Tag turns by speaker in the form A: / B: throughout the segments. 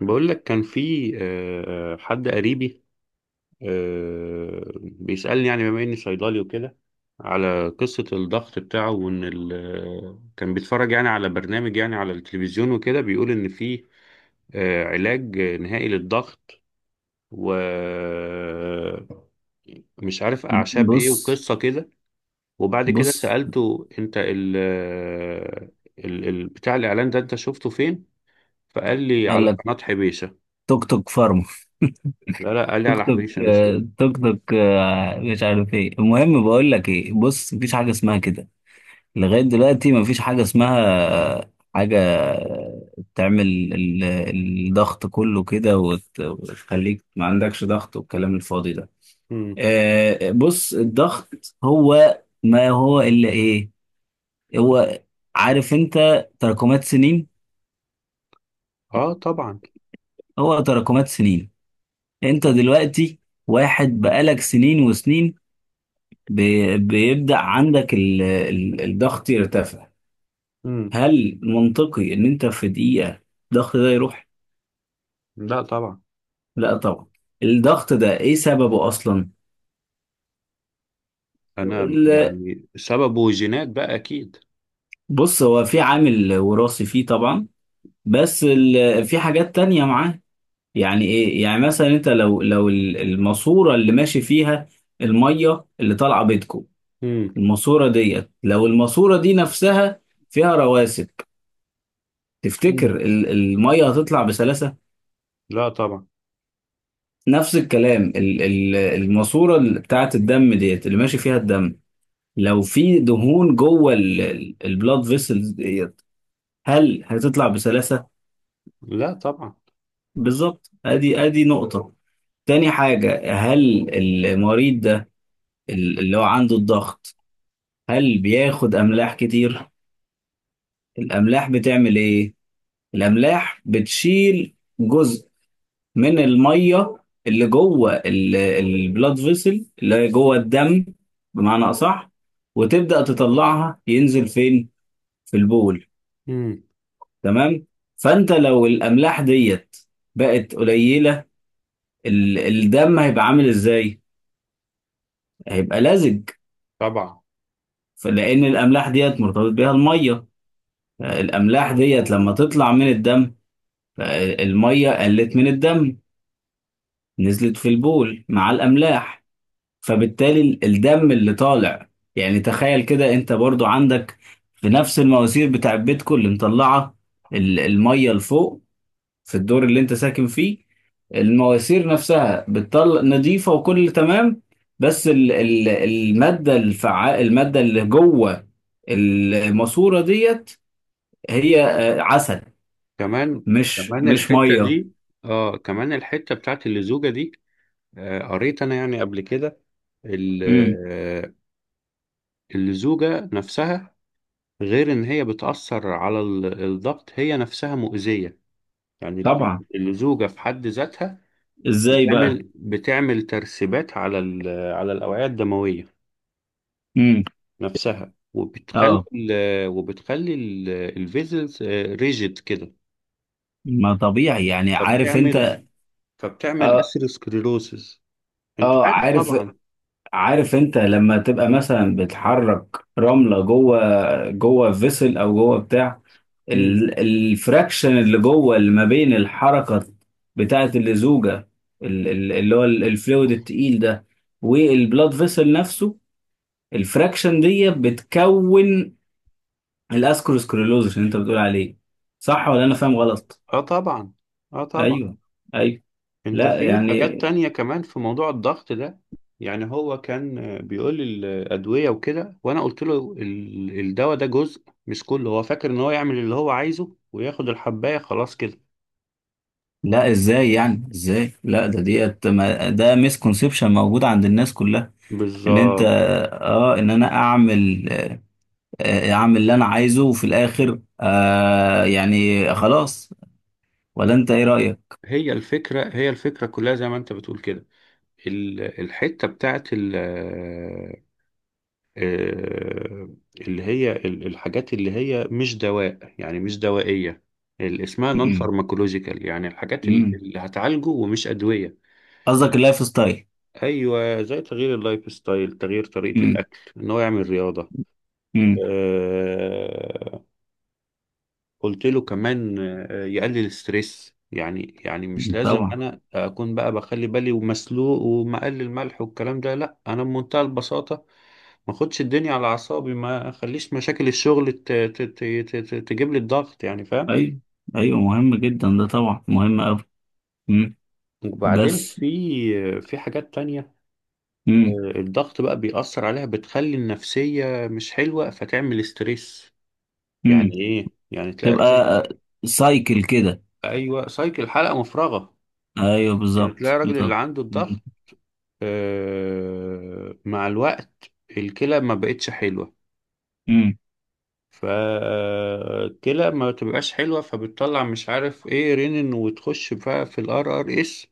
A: بقول لك كان في حد قريبي. بيسألني يعني بما إني صيدلي وكده على قصة الضغط بتاعه، وإن كان بيتفرج يعني على برنامج، يعني على التلفزيون وكده، بيقول إن في علاج نهائي للضغط، و مش عارف أعشاب إيه
B: بص
A: وقصة كده. وبعد كده
B: بص
A: سألته أنت ال آه، ال ال- بتاع الإعلان ده أنت شفته فين؟ فقال لي
B: قال
A: على
B: لك
A: قناة حبيشة.
B: توك توك فارما،
A: لا لا، قال لي
B: توك
A: على
B: توك
A: حبيشة مش له.
B: توك توك مش عارف ايه. المهم بقول لك ايه، بص، مفيش حاجه اسمها كده لغايه دلوقتي. مفيش حاجه اسمها حاجه تعمل ال- الضغط كله كده وتخليك ما عندكش ضغط والكلام الفاضي ده.
A: مم.
B: بص، الضغط هو ما هو الا ايه؟ هو، عارف انت، تراكمات سنين.
A: اه طبعا.
B: هو تراكمات سنين. انت دلوقتي واحد بقالك سنين وسنين بيبدأ عندك الضغط يرتفع.
A: مم.
B: هل منطقي ان انت في دقيقة الضغط ده يروح؟
A: لا طبعا.
B: لا طبعا. الضغط ده ايه سببه اصلا؟
A: انا
B: ال-
A: يعني سببه جينات بقى اكيد.
B: بص، هو في عامل وراثي فيه طبعا، بس في حاجات تانية معاه. يعني ايه؟ يعني مثلا انت لو لو الماسورة اللي ماشي فيها المية اللي طالعة بيتكم،
A: مم.
B: الماسورة ديت، لو الماسورة دي نفسها فيها رواسب،
A: مم.
B: تفتكر المية هتطلع بسلاسة؟
A: لا طبعا.
B: نفس الكلام، الماسورة بتاعة الدم ديت اللي ماشي فيها الدم، لو في دهون جوه البلاد فيسلز ديت، هل هتطلع بسلاسة؟
A: لا طبعا.
B: بالظبط. ادي ادي نقطة. تاني حاجة، هل المريض ده اللي هو عنده الضغط هل بياخد أملاح كتير؟ الأملاح بتعمل إيه؟ الأملاح بتشيل جزء من الميه اللي جوه البلاد فيسل اللي هي جوه الدم، بمعنى اصح، وتبدا تطلعها ينزل فين؟ في البول.
A: مم.
B: تمام. فانت لو الاملاح ديت بقت قليله، الدم هيبقى عامل ازاي؟ هيبقى لزج.
A: طبعا.
B: فلان الاملاح ديت مرتبط بيها الميه، الاملاح ديت لما تطلع من الدم، الميه قلت من الدم، نزلت في البول مع الاملاح، فبالتالي الدم اللي طالع. يعني تخيل كده انت برضو عندك في نفس المواسير بتاع بيتكم اللي مطلعه الميه لفوق في الدور اللي انت ساكن فيه، المواسير نفسها بتطلع نظيفه وكل تمام، بس ال الماده الفعال، الماده اللي جوه الماسوره ديت، هي عسل،
A: كمان.
B: مش
A: كمان
B: مش
A: الحتة
B: ميه.
A: دي. اه كمان الحتة بتاعت اللزوجة دي. آه قريت انا يعني قبل كده ال-
B: امم،
A: آه، اللزوجة نفسها، غير ان هي بتأثر على الضغط، هي نفسها مؤذية، يعني
B: طبعا.
A: اللزوجة في حد ذاتها
B: ازاي بقى؟
A: بتعمل ترسبات على على الأوعية الدموية
B: امم.
A: نفسها، وبتخلي
B: اه،
A: ال- وبتخلي الفيزلز ريجيد كده،
B: ما طبيعي يعني، عارف
A: فبتعمل
B: انت.
A: فبتعمل
B: آه،
A: أثيروسكليروسيس أنت
B: اه
A: عارف
B: عارف.
A: طبعا.
B: عارف انت لما تبقى مثلا بتحرك رملة جوه، جوه فيسل او جوه بتاع
A: مم.
B: الفراكشن اللي جوه اللي ما بين الحركة بتاعة اللزوجة، اللي هو الفلويد التقيل ده والبلاد فيسل نفسه، الفراكشن دي بتكون الاسكروسكليروز اللي انت بتقول عليه، صح ولا انا فاهم غلط؟
A: اه طبعا. اه طبعا.
B: ايوه، ايوه.
A: انت
B: لا
A: في
B: يعني،
A: حاجات تانية كمان في موضوع الضغط ده، يعني هو كان بيقول لي الأدوية وكده، وانا قلت له الدواء ده جزء مش كله، هو فاكر ان هو يعمل اللي هو عايزه وياخد الحباية خلاص كده.
B: لا ازاي يعني ازاي؟ لا، ده ديت ده مسكونسبشن موجود عند الناس كلها، ان انت
A: بالظبط.
B: اه، ان انا اعمل اعمل اللي انا عايزه وفي الاخر آه يعني خلاص. ولا انت ايه رأيك؟
A: هي الفكرة كلها زي ما انت بتقول كده، ال- الحتة بتاعت ال- آه، اللي هي ال- الحاجات اللي هي مش دواء، يعني مش دوائية، اللي اسمها نون
B: م-م.
A: فارماكولوجيكال، يعني الحاجات
B: م-م.
A: اللي هتعالجه ومش أدوية.
B: قصدك اللايف ستايل.
A: ايوه، زي تغيير اللايف ستايل، تغيير طريقة
B: م-م.
A: الاكل، ان هو يعمل رياضة.
B: م-م.
A: آه، قلت له كمان يقلل الستريس، يعني مش لازم
B: طبعا.
A: انا اكون بقى بخلي بالي ومسلوق ومقلل ملح والكلام ده، لا انا بمنتهى البساطة ما اخدش الدنيا على اعصابي، ما اخليش مشاكل الشغل تجيب لي الضغط، يعني فاهم.
B: ايوه، ايوه، مهم جدا ده، طبعا مهم قوي.
A: وبعدين
B: بس.
A: في حاجات تانية،
B: م-م.
A: الضغط بقى بيأثر عليها بتخلي النفسية مش حلوة فتعمل ستريس،
B: م-م.
A: يعني ايه، يعني تلاقي
B: تبقى
A: الراجل.
B: سايكل كده.
A: ايوه سايكل، حلقة مفرغة.
B: ايوه،
A: يعني تلاقي
B: بالظبط
A: الراجل اللي
B: بالظبط.
A: عنده
B: م-م.
A: الضغط مع الوقت الكلى ما بقتش حلوة، فالكلى ما تبقاش حلوة فبتطلع مش عارف ايه رينين وتخش بقى في الار ار اس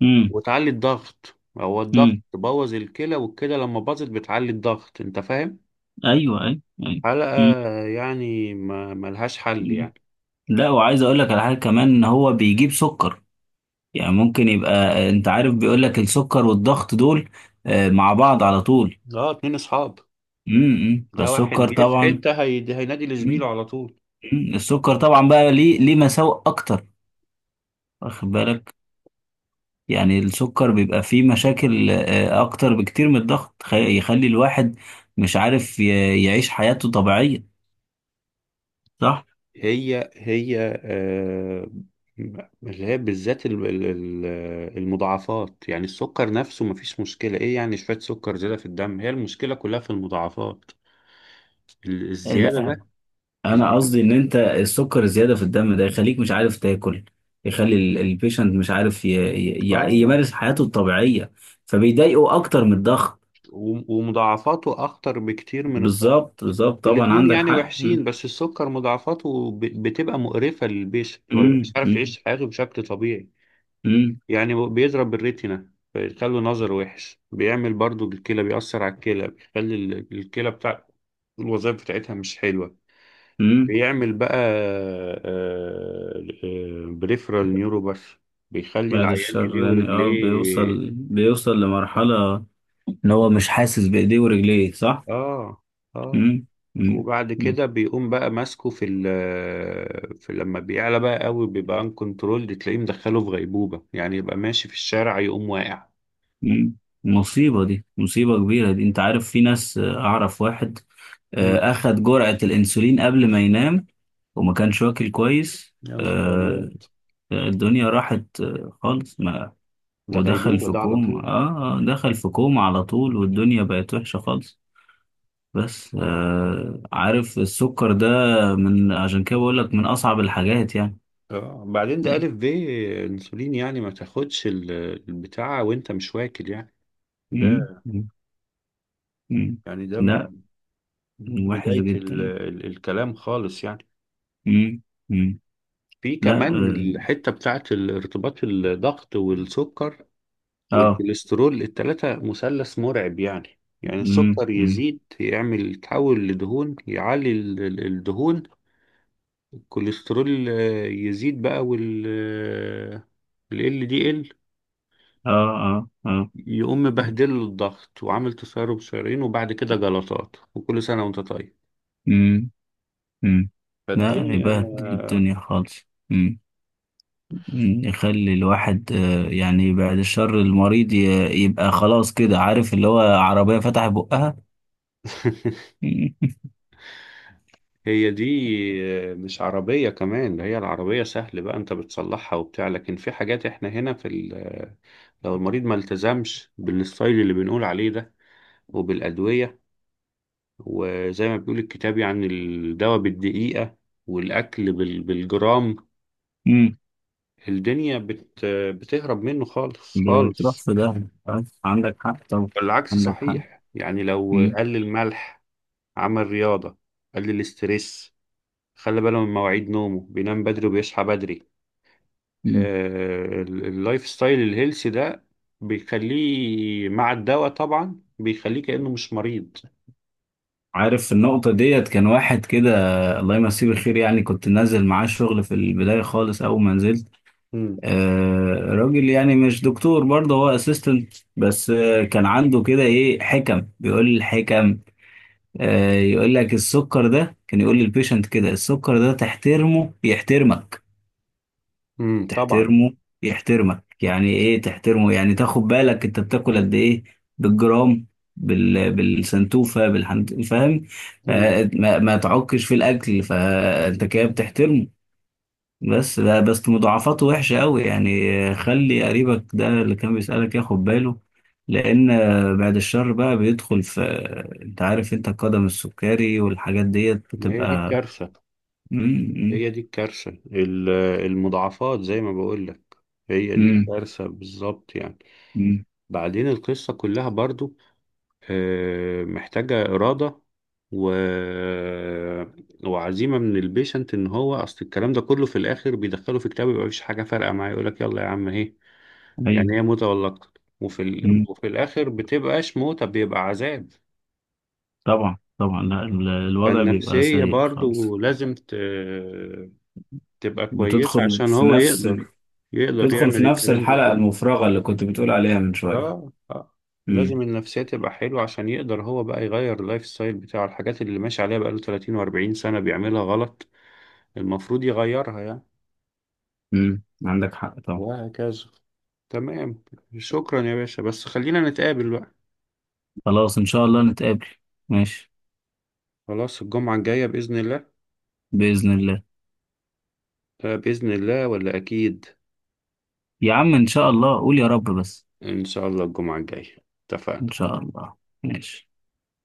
B: م-م.
A: وتعلي الضغط، هو الضغط
B: م-م.
A: بوظ الكلى والكلى لما باظت بتعلي الضغط، انت فاهم.
B: ايوه ايوه ايوه.
A: حلقة،
B: مم.
A: يعني ما ملهاش حل
B: مم.
A: يعني.
B: لا، وعايز اقول لك على حاجه كمان، ان هو بيجيب سكر. يعني ممكن يبقى انت عارف، بيقول لك السكر والضغط دول مع بعض على طول.
A: اه اتنين اصحاب.
B: امم،
A: ده واحد
B: فالسكر
A: جه في
B: طبعا.
A: حتة هينادي لزميله
B: مم.
A: على طول.
B: مم. السكر طبعا بقى ليه ليه مساوئ اكتر، واخد بالك. يعني السكر بيبقى فيه مشاكل اكتر بكتير من الضغط. يخلي الواحد مش عارف يعيش حياته طبيعيه، صح؟
A: هي هي آه، اللي هي بالذات المضاعفات، يعني السكر نفسه مفيش مشكلة، ايه يعني شوية سكر زيادة في الدم، هي المشكلة كلها في المضاعفات الزيادة ده.
B: لا، انا
A: الزي...
B: قصدي ان انت السكر الزياده في الدم ده يخليك مش عارف تاكل. يخلي البيشنت مش عارف
A: اه،
B: يمارس حياته الطبيعيه، فبيضايقه اكتر من الضغط.
A: ومضاعفاته اخطر بكتير من الضغط.
B: بالظبط، بالظبط، طبعا
A: الاتنين
B: عندك
A: يعني
B: حق.
A: وحشين بس السكر مضاعفاته بتبقى مقرفة للبيشنت، ما بيبقاش
B: مم.
A: عارف
B: مم.
A: يعيش حياته بشكل طبيعي،
B: مم.
A: يعني بيضرب الريتنا فيخلي نظر وحش، بيعمل برضو بالكلى، بيأثر على الكلى بيخلي الكلى بتاع الوظائف بتاعتها مش حلوة،
B: مم.
A: بيعمل بقى بريفرال نيوروباث، بيخلي
B: بعد
A: العيان ايديه
B: الشر يعني. اه،
A: ورجليه.
B: بيوصل بيوصل لمرحله ان هو مش حاسس بايديه ورجليه، صح؟
A: اه اه.
B: مم. مم.
A: وبعد
B: مم.
A: كده بيقوم بقى ماسكه في ال في لما بيعلى بقى قوي بيبقى ان كنترول تلاقيه مدخله في غيبوبة، يعني يبقى ماشي في الشارع يقوم واقع.
B: مم. مصيبه دي، مصيبه كبيره دي. انت عارف، في ناس اعرف واحد
A: مم.
B: اخد جرعه الانسولين قبل ما ينام وما كانش واكل كويس.
A: يا نهار
B: آه،
A: أبيض،
B: الدنيا راحت خالص. ما
A: ده
B: ودخل
A: غيبوبة
B: في
A: ده على
B: كوم،
A: طول.
B: اه، دخل في كوم على طول والدنيا بقت وحشة خالص. بس آه، عارف، السكر ده، من عشان كده بقول لك، من أصعب الحاجات يعني.
A: بعدين ده
B: مم،
A: ألف ب الأنسولين، يعني ما تاخدش البتاع وأنت مش واكل يعني.
B: مم،
A: ده
B: مم. مم.
A: يعني
B: لا، وحش
A: بداية ال
B: جدا.
A: ال الكلام خالص يعني.
B: مم، مم.
A: في
B: لا.
A: كمان الحتة بتاعت ارتباط الضغط والسكر
B: اه
A: والكوليسترول، التلاتة مثلث مرعب، يعني
B: مم،
A: السكر
B: مم.
A: يزيد يعمل يتحول لدهون يعلي الدهون، الكوليسترول يزيد بقى وال ال LDL
B: اه اه اه.
A: يقوم مبهدل له الضغط وعامل تسرب شرايين وبعد كده جلطات، وكل سنة وانت طيب.
B: مم، مم. لا،
A: فالدنيا
B: يبهدل الدنيا خالص. مم. يخلي الواحد يعني بعد الشر المريض يبقى خلاص كده، عارف اللي هو، عربية فتح بقها.
A: هي دي، مش عربية كمان ده، هي العربية سهل بقى انت بتصلحها وبتاع، لكن في حاجات احنا هنا في لو المريض ما التزمش بالستايل اللي بنقول عليه ده وبالأدوية، وزي ما بيقول الكتاب يعني الدواء بالدقيقة والأكل بالجرام،
B: مم.
A: الدنيا بتهرب منه خالص
B: بتروح
A: خالص.
B: في ده. عندك حق طبعا.
A: والعكس
B: عندك حق.
A: صحيح، يعني لو
B: مم.
A: قلل ملح، عمل رياضة، قلل الاسترس، خلى باله من مواعيد نومه بينام بدري وبيصحى بدري،
B: مم.
A: اللايف ستايل الهيلثي ده بيخليه مع الدواء طبعا بيخليه كأنه مش مريض.
B: عارف النقطة ديت، كان واحد كده، الله يمسيه بالخير، يعني كنت نازل معاه الشغل في البداية خالص، أول ما نزلت،
A: امم.
B: آه، راجل يعني مش دكتور برضه، هو اسيستنت بس، آه كان عنده كده إيه، حكم، بيقول الحكم يقول لك السكر ده، كان يقول للبيشنت كده: السكر ده تحترمه يحترمك.
A: طبعا.
B: تحترمه يحترمك. يعني ايه تحترمه؟ يعني تاخد بالك انت بتاكل قد ايه، بالجرام، بالسنتوفة بالحنت، فاهم.
A: امم.
B: ما تعكش في الاكل، فانت كده بتحترمه. بس لا، بس مضاعفاته وحشة قوي يعني. خلي قريبك ده اللي كان بيسألك ياخد باله، لأن بعد الشر بقى، بيدخل في، أنت عارف أنت، القدم السكري والحاجات ديت
A: ما هي دي
B: بتبقى.
A: الكارثة،
B: مم، مم،
A: هي دي الكارثة المضاعفات زي ما بقول لك، هي دي
B: مم،
A: الكارثة بالظبط يعني.
B: مم.
A: بعدين القصة كلها برضو محتاجة إرادة و... وعزيمة من البيشنت، إن هو أصل الكلام ده كله في الآخر بيدخله في كتاب، يبقى مفيش حاجة فارقة معاه، يقولك يلا يا عم أهي،
B: أيوه.
A: يعني هي موتة ولا أكتر، وفي
B: مم.
A: وفي الآخر بتبقاش موتة بيبقى عذاب.
B: طبعا طبعا. لا، الوضع بيبقى
A: فالنفسية
B: سيء خالص.
A: برضو لازم تبقى كويسة
B: بتدخل
A: عشان
B: في
A: هو
B: نفس،
A: يقدر، يقدر
B: بتدخل في
A: يعمل
B: نفس
A: الكلام ده
B: الحلقة
A: كله.
B: المفرغة اللي كنت بتقول عليها من شوية.
A: اه اه. لازم
B: مم،
A: النفسية تبقى حلوة عشان يقدر هو بقى يغير اللايف ستايل بتاعه، الحاجات اللي ماشي عليها بقاله 30 و40 سنة بيعملها غلط، المفروض يغيرها يعني.
B: مم. عندك حق طبعا.
A: وهكذا. تمام. شكرا يا باشا بس خلينا نتقابل بقى.
B: خلاص إن شاء الله نتقابل. ماشي.
A: خلاص الجمعة الجاية بإذن الله.
B: بإذن الله.
A: بإذن الله ولا أكيد.
B: يا عم إن شاء الله، قول يا رب بس.
A: إن شاء الله الجمعة الجاية
B: إن
A: اتفقنا.
B: شاء الله. ماشي.